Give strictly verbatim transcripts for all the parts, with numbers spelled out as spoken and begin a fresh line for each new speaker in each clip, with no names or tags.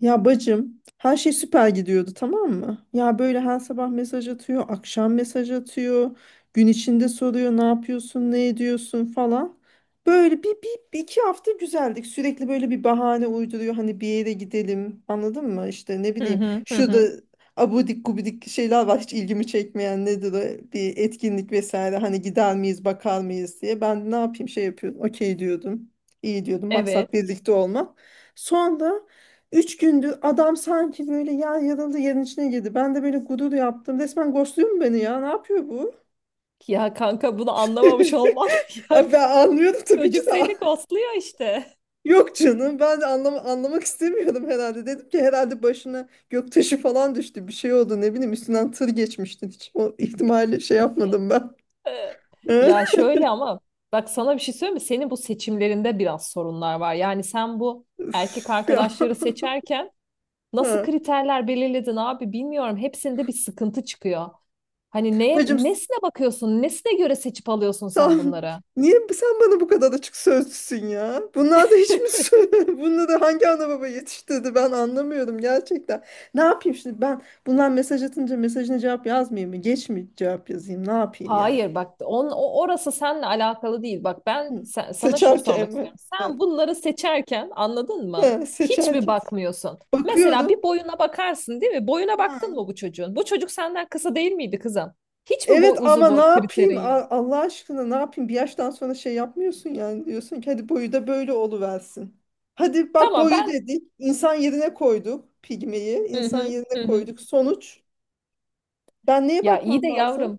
Ya bacım her şey süper gidiyordu, tamam mı? Ya böyle her sabah mesaj atıyor, akşam mesaj atıyor, gün içinde soruyor ne yapıyorsun, ne ediyorsun falan. Böyle bir, bir, bir iki hafta güzeldik. Sürekli böyle bir bahane uyduruyor hani bir yere gidelim, anladın mı? İşte ne
Hı
bileyim
hı hı
şurada
hı.
abudik gubidik şeyler var hiç ilgimi çekmeyen, nedir o, bir etkinlik vesaire, hani gider miyiz bakar mıyız diye. Ben ne yapayım şey yapıyordum, okey diyordum, iyi diyordum, maksat
Evet.
birlikte olmak. Sonra üç gündür adam sanki böyle yer yarıldı yerin içine girdi. Ben de böyle gurur yaptım. Resmen ghostluyor mu beni ya? Ne yapıyor bu?
Ya kanka bunu anlamamış olman
Abi
yani
ben anlıyordum tabii ki
çocuk
de.
seni ghostluyor işte.
Yok canım, ben de anlam anlamak istemiyordum herhalde. Dedim ki herhalde başına göktaşı falan düştü. Bir şey oldu ne bileyim, üstünden tır geçmişti. Hiç o ihtimalle şey yapmadım ben.
Ee, Ya şöyle ama bak sana bir şey söyleyeyim mi? Senin bu seçimlerinde biraz sorunlar var. Yani sen bu erkek
Üf ya.
arkadaşları seçerken nasıl
Ha.
kriterler belirledin abi bilmiyorum. Hepsinde bir sıkıntı çıkıyor. Hani neye,
Bacım,
nesine bakıyorsun? Nesine göre seçip alıyorsun sen
tamam.
bunları?
Niye sen bana bu kadar açık sözlüsün ya? Bunlar da hiç mi? Bunlar da hangi ana baba yetiştirdi, ben anlamıyorum gerçekten. Ne yapayım şimdi ben, bunlar mesaj atınca mesajına cevap yazmayayım mı? Geç mi cevap yazayım? Ne yapayım yani?
Hayır bak on, o- orası seninle alakalı değil. Bak ben
Hı.
sen- sana şunu
Seçerken
sormak
mi?
istiyorum.
Ha.
Sen bunları seçerken anladın mı?
Ha,
Hiç mi
seçerken.
bakmıyorsun? Mesela
Bakıyorum.
bir boyuna bakarsın değil mi? Boyuna baktın
Ha.
mı bu çocuğun? Bu çocuk senden kısa değil miydi kızım? Hiç mi boy
Evet
uzun
ama ne
boy
yapayım,
kriterin yok?
A- Allah aşkına, ne yapayım, bir yaştan sonra şey yapmıyorsun yani, diyorsun ki hadi boyu da böyle oluversin. Hadi bak,
Tamam
boyu
ben
dedik insan yerine koyduk, pigmeyi
hı
insan
hı,
yerine
hı hı.
koyduk, sonuç, ben neye
Ya iyi
bakmam
de
lazım?
yavrum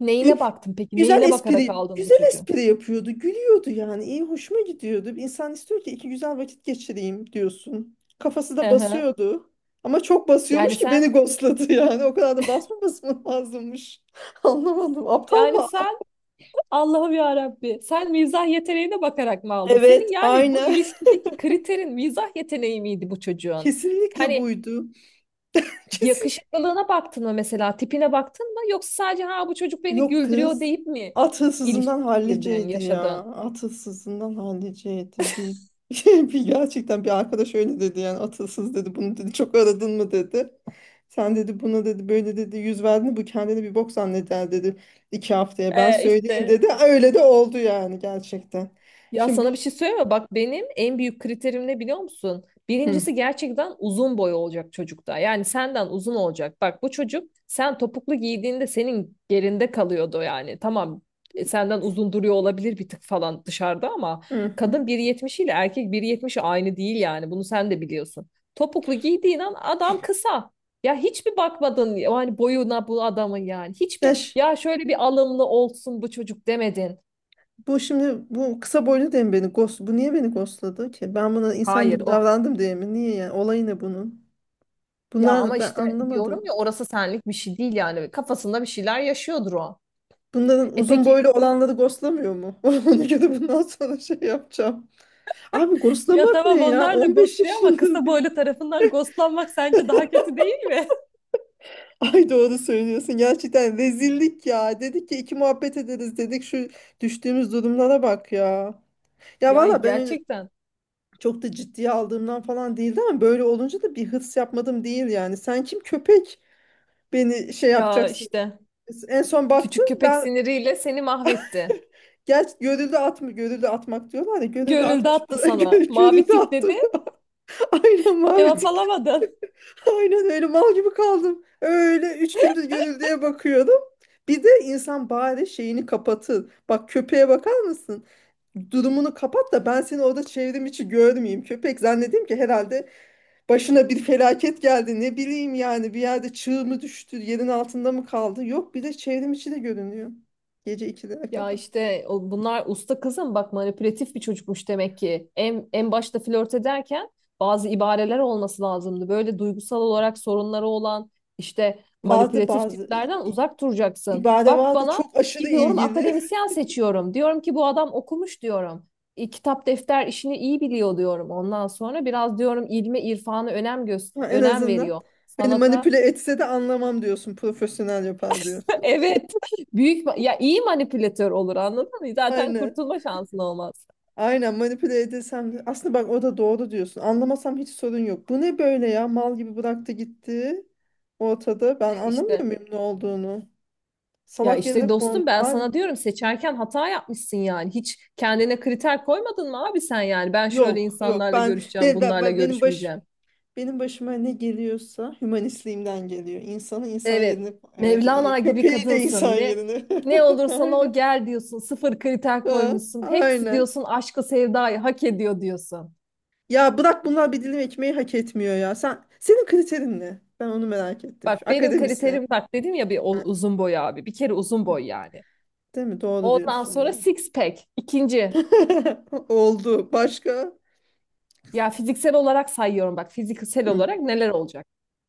neyine
Gü-
baktın peki?
güzel
Neyine bakarak
espri,
aldın bu
güzel
çocuğu?
espri yapıyordu, gülüyordu yani, iyi hoşuma gidiyordu. İnsan istiyor ki iki güzel vakit geçireyim diyorsun, kafası
Hı
da
hı.
basıyordu ama çok
Yani
basıyormuş ki beni
sen
ghostladı, yani o kadar da basmaması mı lazımmış. Anlamadım. Aptal
Yani
mı?
sen, Allah'ım ya Rabbi, sen mizah yeteneğine bakarak mı aldın?
Evet,
Senin yani bu
aynı.
ilişkideki kriterin mizah yeteneği miydi bu çocuğun?
Kesinlikle
Yani
buydu. Kesin.
yakışıklılığına baktın mı mesela, tipine baktın mı? Yoksa sadece ha bu çocuk beni
Yok
güldürüyor
kız.
deyip mi
At hırsızından
ilişkiden
halliceydi ya.
yaşadın?
At hırsızından halliceydi. Bir, bir gerçekten, bir arkadaş öyle dedi yani, at hırsız dedi. Bunu dedi, çok aradın mı dedi. Sen dedi buna dedi böyle dedi, yüz verdin mi bu kendini bir bok zanneder dedi. İki haftaya ben
Ee,
söyleyeyim
işte.
dedi. Öyle de oldu yani, gerçekten.
Ya
Şimdi bu...
sana bir şey söyleyeyim mi? Bak benim en büyük kriterim ne biliyor musun?
Hı,
Birincisi gerçekten uzun boy olacak çocukta. Yani senden uzun olacak. Bak bu çocuk sen topuklu giydiğinde senin gerinde kalıyordu yani. Tamam, e, senden uzun duruyor olabilir bir tık falan dışarıda ama
hı, hı.
kadın bir yetmiş ile erkek bir yetmiş aynı değil yani. Bunu sen de biliyorsun. Topuklu giydiğin an adam kısa. Ya hiç mi bakmadın yani boyuna bu adamın yani? Hiç
Ya
mi ya şöyle bir alımlı olsun bu çocuk demedin?
Bu şimdi bu kısa boylu diye mi beni ghost, bu niye beni ghostladı ki? Ben buna insan
Hayır,
gibi
o
davrandım diye mi? Niye yani? Olayı ne bunun?
Ya ama
Bunlar, ben
işte
anlamadım.
diyorum ya orası senlik bir şey değil yani. Kafasında bir şeyler yaşıyordur o.
Bunların
E
uzun
peki
boylu olanları ghostlamıyor mu? Ona göre bundan sonra şey yapacağım. Abi
Ya
ghostlamak
tamam
ne ya?
onlar da
on beş
ghostluyor ama
yaşında
kısa
bir...
boylu tarafından ghostlanmak sence daha kötü değil mi?
Ay doğru söylüyorsun. Gerçekten rezillik ya. Dedik ki iki muhabbet ederiz dedik. Şu düştüğümüz durumlara bak ya. Ya
Ya
valla ben öyle
gerçekten,
çok da ciddiye aldığımdan falan değildi ama böyle olunca da bir hırs yapmadım değil yani. Sen kim köpek? Beni şey
ya
yapacaksın.
işte
En son baktım
küçük köpek
ben,
siniriyle seni mahvetti.
gerçi görüldü atma, görüldü atmak diyorlar ya, görüldü
Görüldü
atmış
attı sana. Mavi
görüldü
tik dedi.
attım. Aynen, mavi
Cevap
tikli.
alamadın.
Aynen, öyle mal gibi kaldım. Öyle üç gündür görüldüye bakıyordum. Bir de insan bari şeyini kapatır. Bak, köpeğe bakar mısın? Durumunu kapat da ben seni orada çevrim içi görmeyeyim. Köpek zannedeyim ki herhalde başına bir felaket geldi, ne bileyim yani, bir yerde çığ mı düştü, yerin altında mı kaldı, yok bir de çevrim içi de görünüyor gece ikilere
Ya
kadar.
işte o, bunlar usta kızım, bak, manipülatif bir çocukmuş demek ki. En, en başta flört ederken bazı ibareler olması lazımdı. Böyle duygusal olarak sorunları olan, işte
Vardı
manipülatif
bazı
tiplerden
i- i-
uzak duracaksın.
ibare,
Bak,
vardı,
bana
çok aşırı
gidiyorum
ilgili.
akademisyen seçiyorum. Diyorum ki bu adam okumuş, diyorum. E, kitap defter işini iyi biliyor diyorum. Ondan sonra biraz diyorum ilme irfana önem göz
Ha, en
önem
azından
veriyor.
beni
Sanata.
manipüle etse de anlamam diyorsun, profesyonel yapar diyorsun.
Evet, büyük ma- ya iyi manipülatör olur, anladın mı? Zaten
Aynen,
kurtulma şansın olmaz.
aynen, manipüle edesem de aslında, bak o da doğru diyorsun, anlamasam hiç sorun yok, bu ne böyle ya, mal gibi bıraktı gitti ortada, ben anlamıyor
İşte
muyum ne olduğunu,
Ya
salak
işte
yerine
dostum,
kondu.
ben
Bari...
sana diyorum seçerken hata yapmışsın yani. Hiç kendine kriter koymadın mı abi sen yani? Ben şöyle
Yok yok,
insanlarla
ben
görüşeceğim,
be, be-
bunlarla
be- benim baş
görüşmeyeceğim.
benim başıma ne geliyorsa hümanistliğimden geliyor. İnsanı insan
Evet.
yerine, evet, iyi.
Mevlana gibi
Köpeği de insan
kadınsın. Ne
yerine.
ne olursan o
Aynen.
gel diyorsun. Sıfır kriter
Ha,
koymuşsun. Hepsi
aynen.
diyorsun aşkı sevdayı hak ediyor diyorsun.
Ya bırak, bunlar bir dilim ekmeği hak etmiyor ya. Sen, senin kriterin ne? Ben onu merak ettim. Şu
Bak benim
akademisyen.
kriterim, bak, dedim ya, bir o-
Ha,
uzun boy abi. Bir kere uzun boy yani.
değil mi? Doğru
Ondan
diyorsun
sonra
ya.
six pack. İkinci.
Oldu. Başka?
Ya fiziksel olarak sayıyorum, bak, fiziksel
Hı.
olarak neler olacak?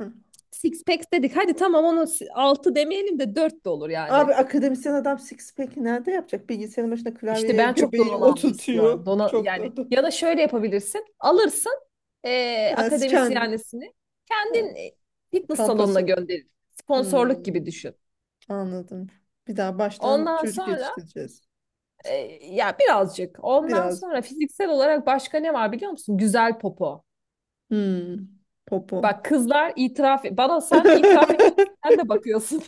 Hı.
Six packs dedik. Hadi tamam, onu si- altı demeyelim de dört de olur yani.
Abi akademisyen adam six pack'i nerede yapacak? Bilgisayarın başında
İşte
klavyeye
ben çok
göbeğini
donanımlı istiyorum.
oturtuyor.
Dona,
Çok da...
yani ya da şöyle yapabilirsin. Alırsın eee
Ha, kendi.
akademisyenlisini.
Ha,
Kendin, e, fitness salonuna
kampası.
gönderir.
Hmm,
Sponsorluk gibi düşün.
anladım. Bir daha baştan
Ondan
çocuk
sonra,
yetiştireceğiz.
e, ya birazcık. Ondan
Biraz.
sonra fiziksel olarak başka ne var biliyor musun? Güzel popo.
Hmm, popo.
Bak kızlar, itiraf, bana sen itiraf edeceksin. Sen de bakıyorsun.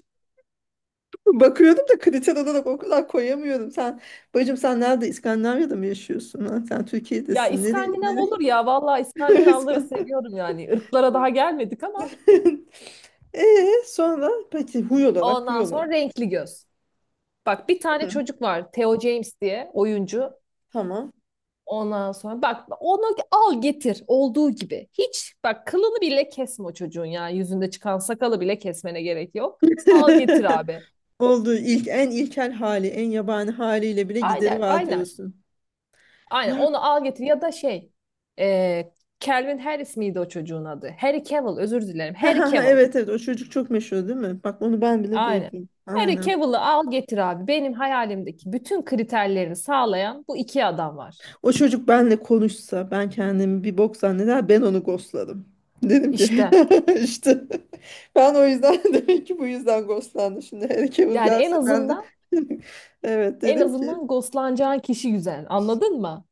Bakıyordum da kriter olarak o kadar koyamıyorum. Sen bacım, sen nerede? İskandinavya'da mı yaşıyorsun? Ha? Sen
Ya
Türkiye'desin. Nereye?
İskandinav
Nereye?
olur ya. Vallahi İskandinavları
İskan-
seviyorum yani. Irklara daha gelmedik ama
Ee, sonra peki, huy olarak, huy
ondan
olarak.
sonra renkli göz. Bak bir tane
Hı,
çocuk var, Theo James diye, oyuncu.
tamam.
Ondan sonra bak onu al getir olduğu gibi. Hiç bak kılını bile kesme o çocuğun ya. Yüzünde çıkan sakalı bile kesmene gerek yok. Al getir abi.
Olduğu ilk, en ilkel hali, en yabani haliyle bile gideri
Aynen,
var
aynen.
diyorsun.
Aynen
Ya,
onu al getir ya da şey. E, Calvin Harris miydi o çocuğun adı? Harry Cavill, özür dilerim. Harry Cavill.
evet, evet, o çocuk çok meşhur değil mi? Bak, onu ben bile
Aynen.
duydum.
Harry
Aynen.
Cavill'ı al getir abi. Benim hayalimdeki bütün kriterlerini sağlayan bu iki adam var.
O çocuk benle konuşsa ben kendimi bir bok zanneder, ben onu ghostladım. Dedim ki
İşte.
işte ben o yüzden demek ki bu yüzden ghostlandım. Şimdi Harry Cavill
Yani en
gelse ben de
azından,
evet
en
dedim ki,
azından ghostlanacağın kişi güzel. Anladın mı?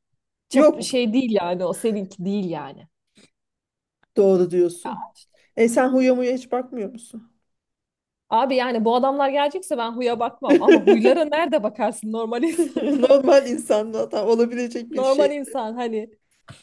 Çap
yok
şey değil yani, o seninki değil yani.
doğru
Ya,
diyorsun. E sen huya muya hiç bakmıyor musun?
abi yani bu adamlar gelecekse ben huya bakmam ama huylara nerede bakarsın normal insanda?
Normal insanda hata olabilecek bir
Normal
şey.
insan hani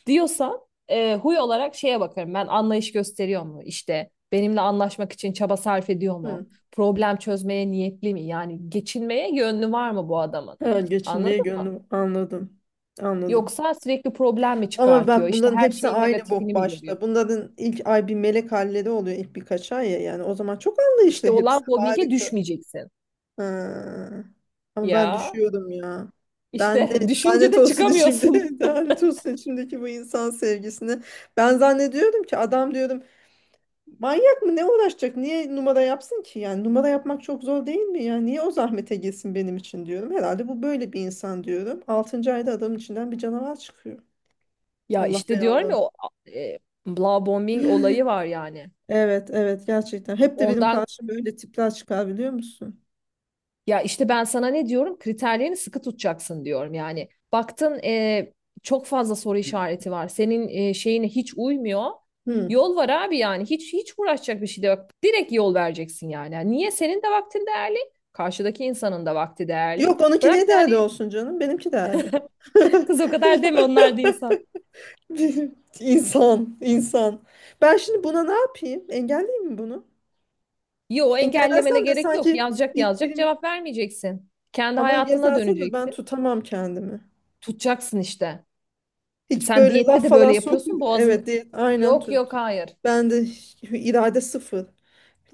diyorsan, e, huy olarak şeye bakarım ben: anlayış gösteriyor mu, İşte benimle anlaşmak için çaba sarf ediyor mu,
Hı.
problem çözmeye niyetli mi yani, geçinmeye yönlü var mı bu adamın,
Ha, geçinmeye
anladın mı,
gönlüm, anladım. Anladım.
yoksa sürekli problem mi
Ama
çıkartıyor,
bak,
İşte
bunların
her
hepsi
şeyin
aynı bok
negatifini mi görüyor.
başta. Bunların ilk ay bir melek halleri oluyor, ilk birkaç ay ya. Yani o zaman çok anlayışlı
İşte
hepsi.
olan mobbinge
Harika.
düşmeyeceksin.
Ha. Ama ben
Ya
düşüyorum ya. Ben de
işte düşünce
lanet
de
olsun içimde.
çıkamıyorsun.
Lanet olsun içimdeki bu insan sevgisini. Ben zannediyorum ki adam, diyorum manyak mı ne uğraşacak? Niye numara yapsın ki? Yani numara yapmak çok zor değil mi? Yani niye o zahmete girsin benim için diyorum. Herhalde bu böyle bir insan diyorum. Altıncı ayda adamın içinden bir canavar çıkıyor.
Ya
Allah
işte diyorum ya,
belalarını.
o e, bla bombing olayı var yani.
Evet, evet, gerçekten. Hep de benim
ondan
karşıma öyle tipler çıkar, biliyor musun?
Ya işte ben sana ne diyorum? Kriterlerini sıkı tutacaksın diyorum. Yani baktın, e, çok fazla soru işareti var. Senin, e, şeyine hiç uymuyor.
Hmm.
Yol var abi yani. Hiç hiç uğraşacak bir şey de yok. Direkt yol vereceksin yani. Yani niye, senin de vaktin değerli. Karşıdaki insanın da vakti değerli.
Yok, onunki niye
Bırak da
değerli
hani,
olsun canım? Benimki değerli.
kız o kadar deme, onlar da insan.
Bir... İnsan, insan. Ben şimdi buna ne yapayım? Engelleyeyim mi bunu?
Yo, engellemene
Engellersem de
gerek yok.
sanki
Yazacak,
bir
yazacak,
prim,
cevap vermeyeceksin. Kendi
ama
hayatına
yazarsa da ben
döneceksin.
tutamam kendimi.
Tutacaksın işte.
Hiç
Sen
böyle
diyette
laf
de böyle
falan sok.
yapıyorsun.
Evet,
Boğazın
değil, aynen,
Yok, yok,
tut.
hayır.
Ben de hiç- irade sıfır.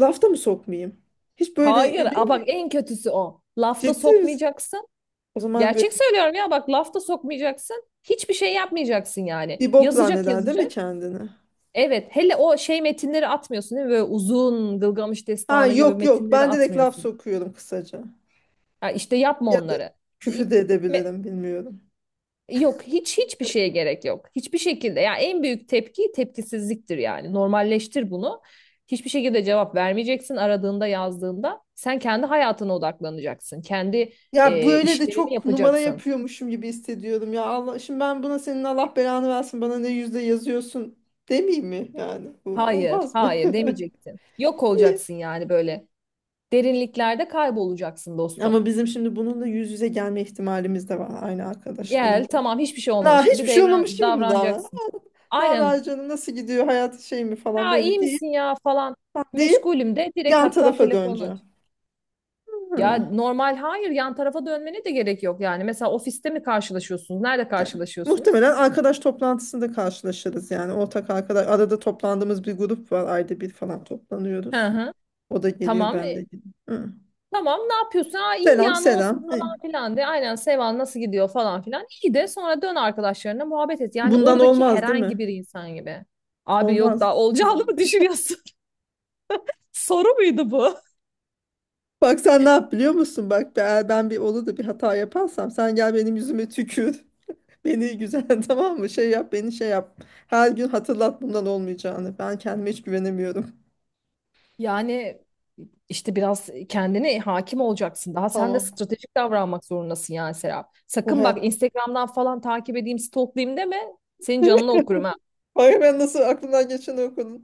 Lafta mı sokmayayım? Hiç böyle,
Hayır,
öyle
a bak,
mi?
en kötüsü o. Lafta
Ciddi misin?
sokmayacaksın.
O zaman böyle
Gerçek söylüyorum ya, bak lafta sokmayacaksın. Hiçbir şey yapmayacaksın yani.
bir bok
Yazacak,
zanneder değil mi
yazacak.
kendini?
Evet, hele o şey metinleri atmıyorsun değil mi? Böyle uzun Gılgamış
Ha,
Destanı gibi
yok yok,
metinleri
ben direkt laf
atmıyorsun.
sokuyorum kısaca.
Ha, işte yapma
Ya da
onları. E,
küfür de
me-
edebilirim, bilmiyorum.
Yok, hiç hiçbir şeye gerek yok. Hiçbir şekilde. Yani en büyük tepki tepkisizliktir yani. Normalleştir bunu. Hiçbir şekilde cevap vermeyeceksin aradığında, yazdığında. Sen kendi hayatına odaklanacaksın. Kendi,
Ya
e,
böyle de
işlerini
çok numara
yapacaksın.
yapıyormuşum gibi hissediyorum ya, Allah, şimdi ben buna senin Allah belanı versin, bana ne, yüzde yazıyorsun demeyeyim mi yani, bu
Hayır,
olmaz mı?
hayır demeyeceksin. Yok
İyi.
olacaksın yani, böyle. Derinliklerde kaybolacaksın dostum.
Ama bizim şimdi bununla yüz yüze gelme ihtimalimiz de var, aynı arkadaşlarımla.
Gel tamam, hiçbir şey
Na,
olmamış gibi
hiçbir şey olmamış
devran,
gibi mi davran?
davranacaksın.
Ne haber
Aynen.
canım, nasıl gidiyor hayat, şey mi falan,
Ha,
böyle,
iyi
değil.
misin ya falan.
Değil,
Meşgulüm de, direkt
yan
hatta
tarafa
telefonu aç.
döneceğim.
Ya
Hı.
normal, hayır, yan tarafa dönmene de gerek yok yani. Mesela ofiste mi karşılaşıyorsunuz? Nerede
Evet.
karşılaşıyorsunuz?
Muhtemelen arkadaş toplantısında karşılaşırız yani, ortak arkadaş, arada toplandığımız bir grup var, ayda bir falan
Hı
toplanıyoruz.
hı.
O da geliyor,
Tamam.
ben de
E,
geliyorum. Hı.
tamam, ne yapıyorsun? Aa iyi
Selam,
ya, ne olsun
selam. Hı.
falan filan de. Aynen, Seval nasıl gidiyor falan filan. İyi de sonra dön arkadaşlarına muhabbet et. Yani
Bundan
oradaki
olmaz değil
herhangi
mi?
bir insan gibi. Abi yok,
Olmaz.
daha
Yok.
olacağını mı düşünüyorsun? Soru muydu bu?
Bak sen ne yap biliyor musun? Bak, eğer ben bir olur da bir hata yaparsam sen gel benim yüzüme tükür. Beni güzel tamam mı? Şey yap, beni şey yap. Her gün hatırlat bundan olmayacağını. Ben kendime hiç güvenemiyorum.
Yani, İşte biraz kendine hakim olacaksın. Daha sen de
Tamam.
stratejik davranmak zorundasın yani Serap.
Bu
Sakın bak,
hayat...
Instagram'dan falan takip edeyim, stalklayayım deme. Senin canını okurum ha
Hayır, ben nasıl aklımdan geçeni okudum.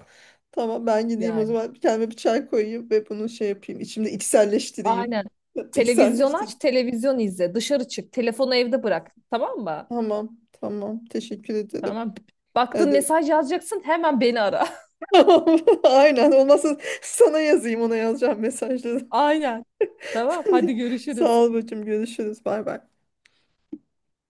Tamam, ben gideyim o
yani.
zaman, bir kendime bir çay koyayım ve bunu şey yapayım. İçimde içselleştireyim.
Aynen. Televizyon aç,
İçselleştireyim.
televizyon izle. Dışarı çık, telefonu evde bırak. Tamam mı?
Tamam, tamam, teşekkür ederim.
Tamam. Baktın
Hadi.
mesaj yazacaksın, hemen beni ara.
Aynen, olmazsa sana yazayım ona yazacağım mesajları.
Aynen. Tamam, hadi
Sağ
görüşürüz.
ol bacım, görüşürüz, bay bay.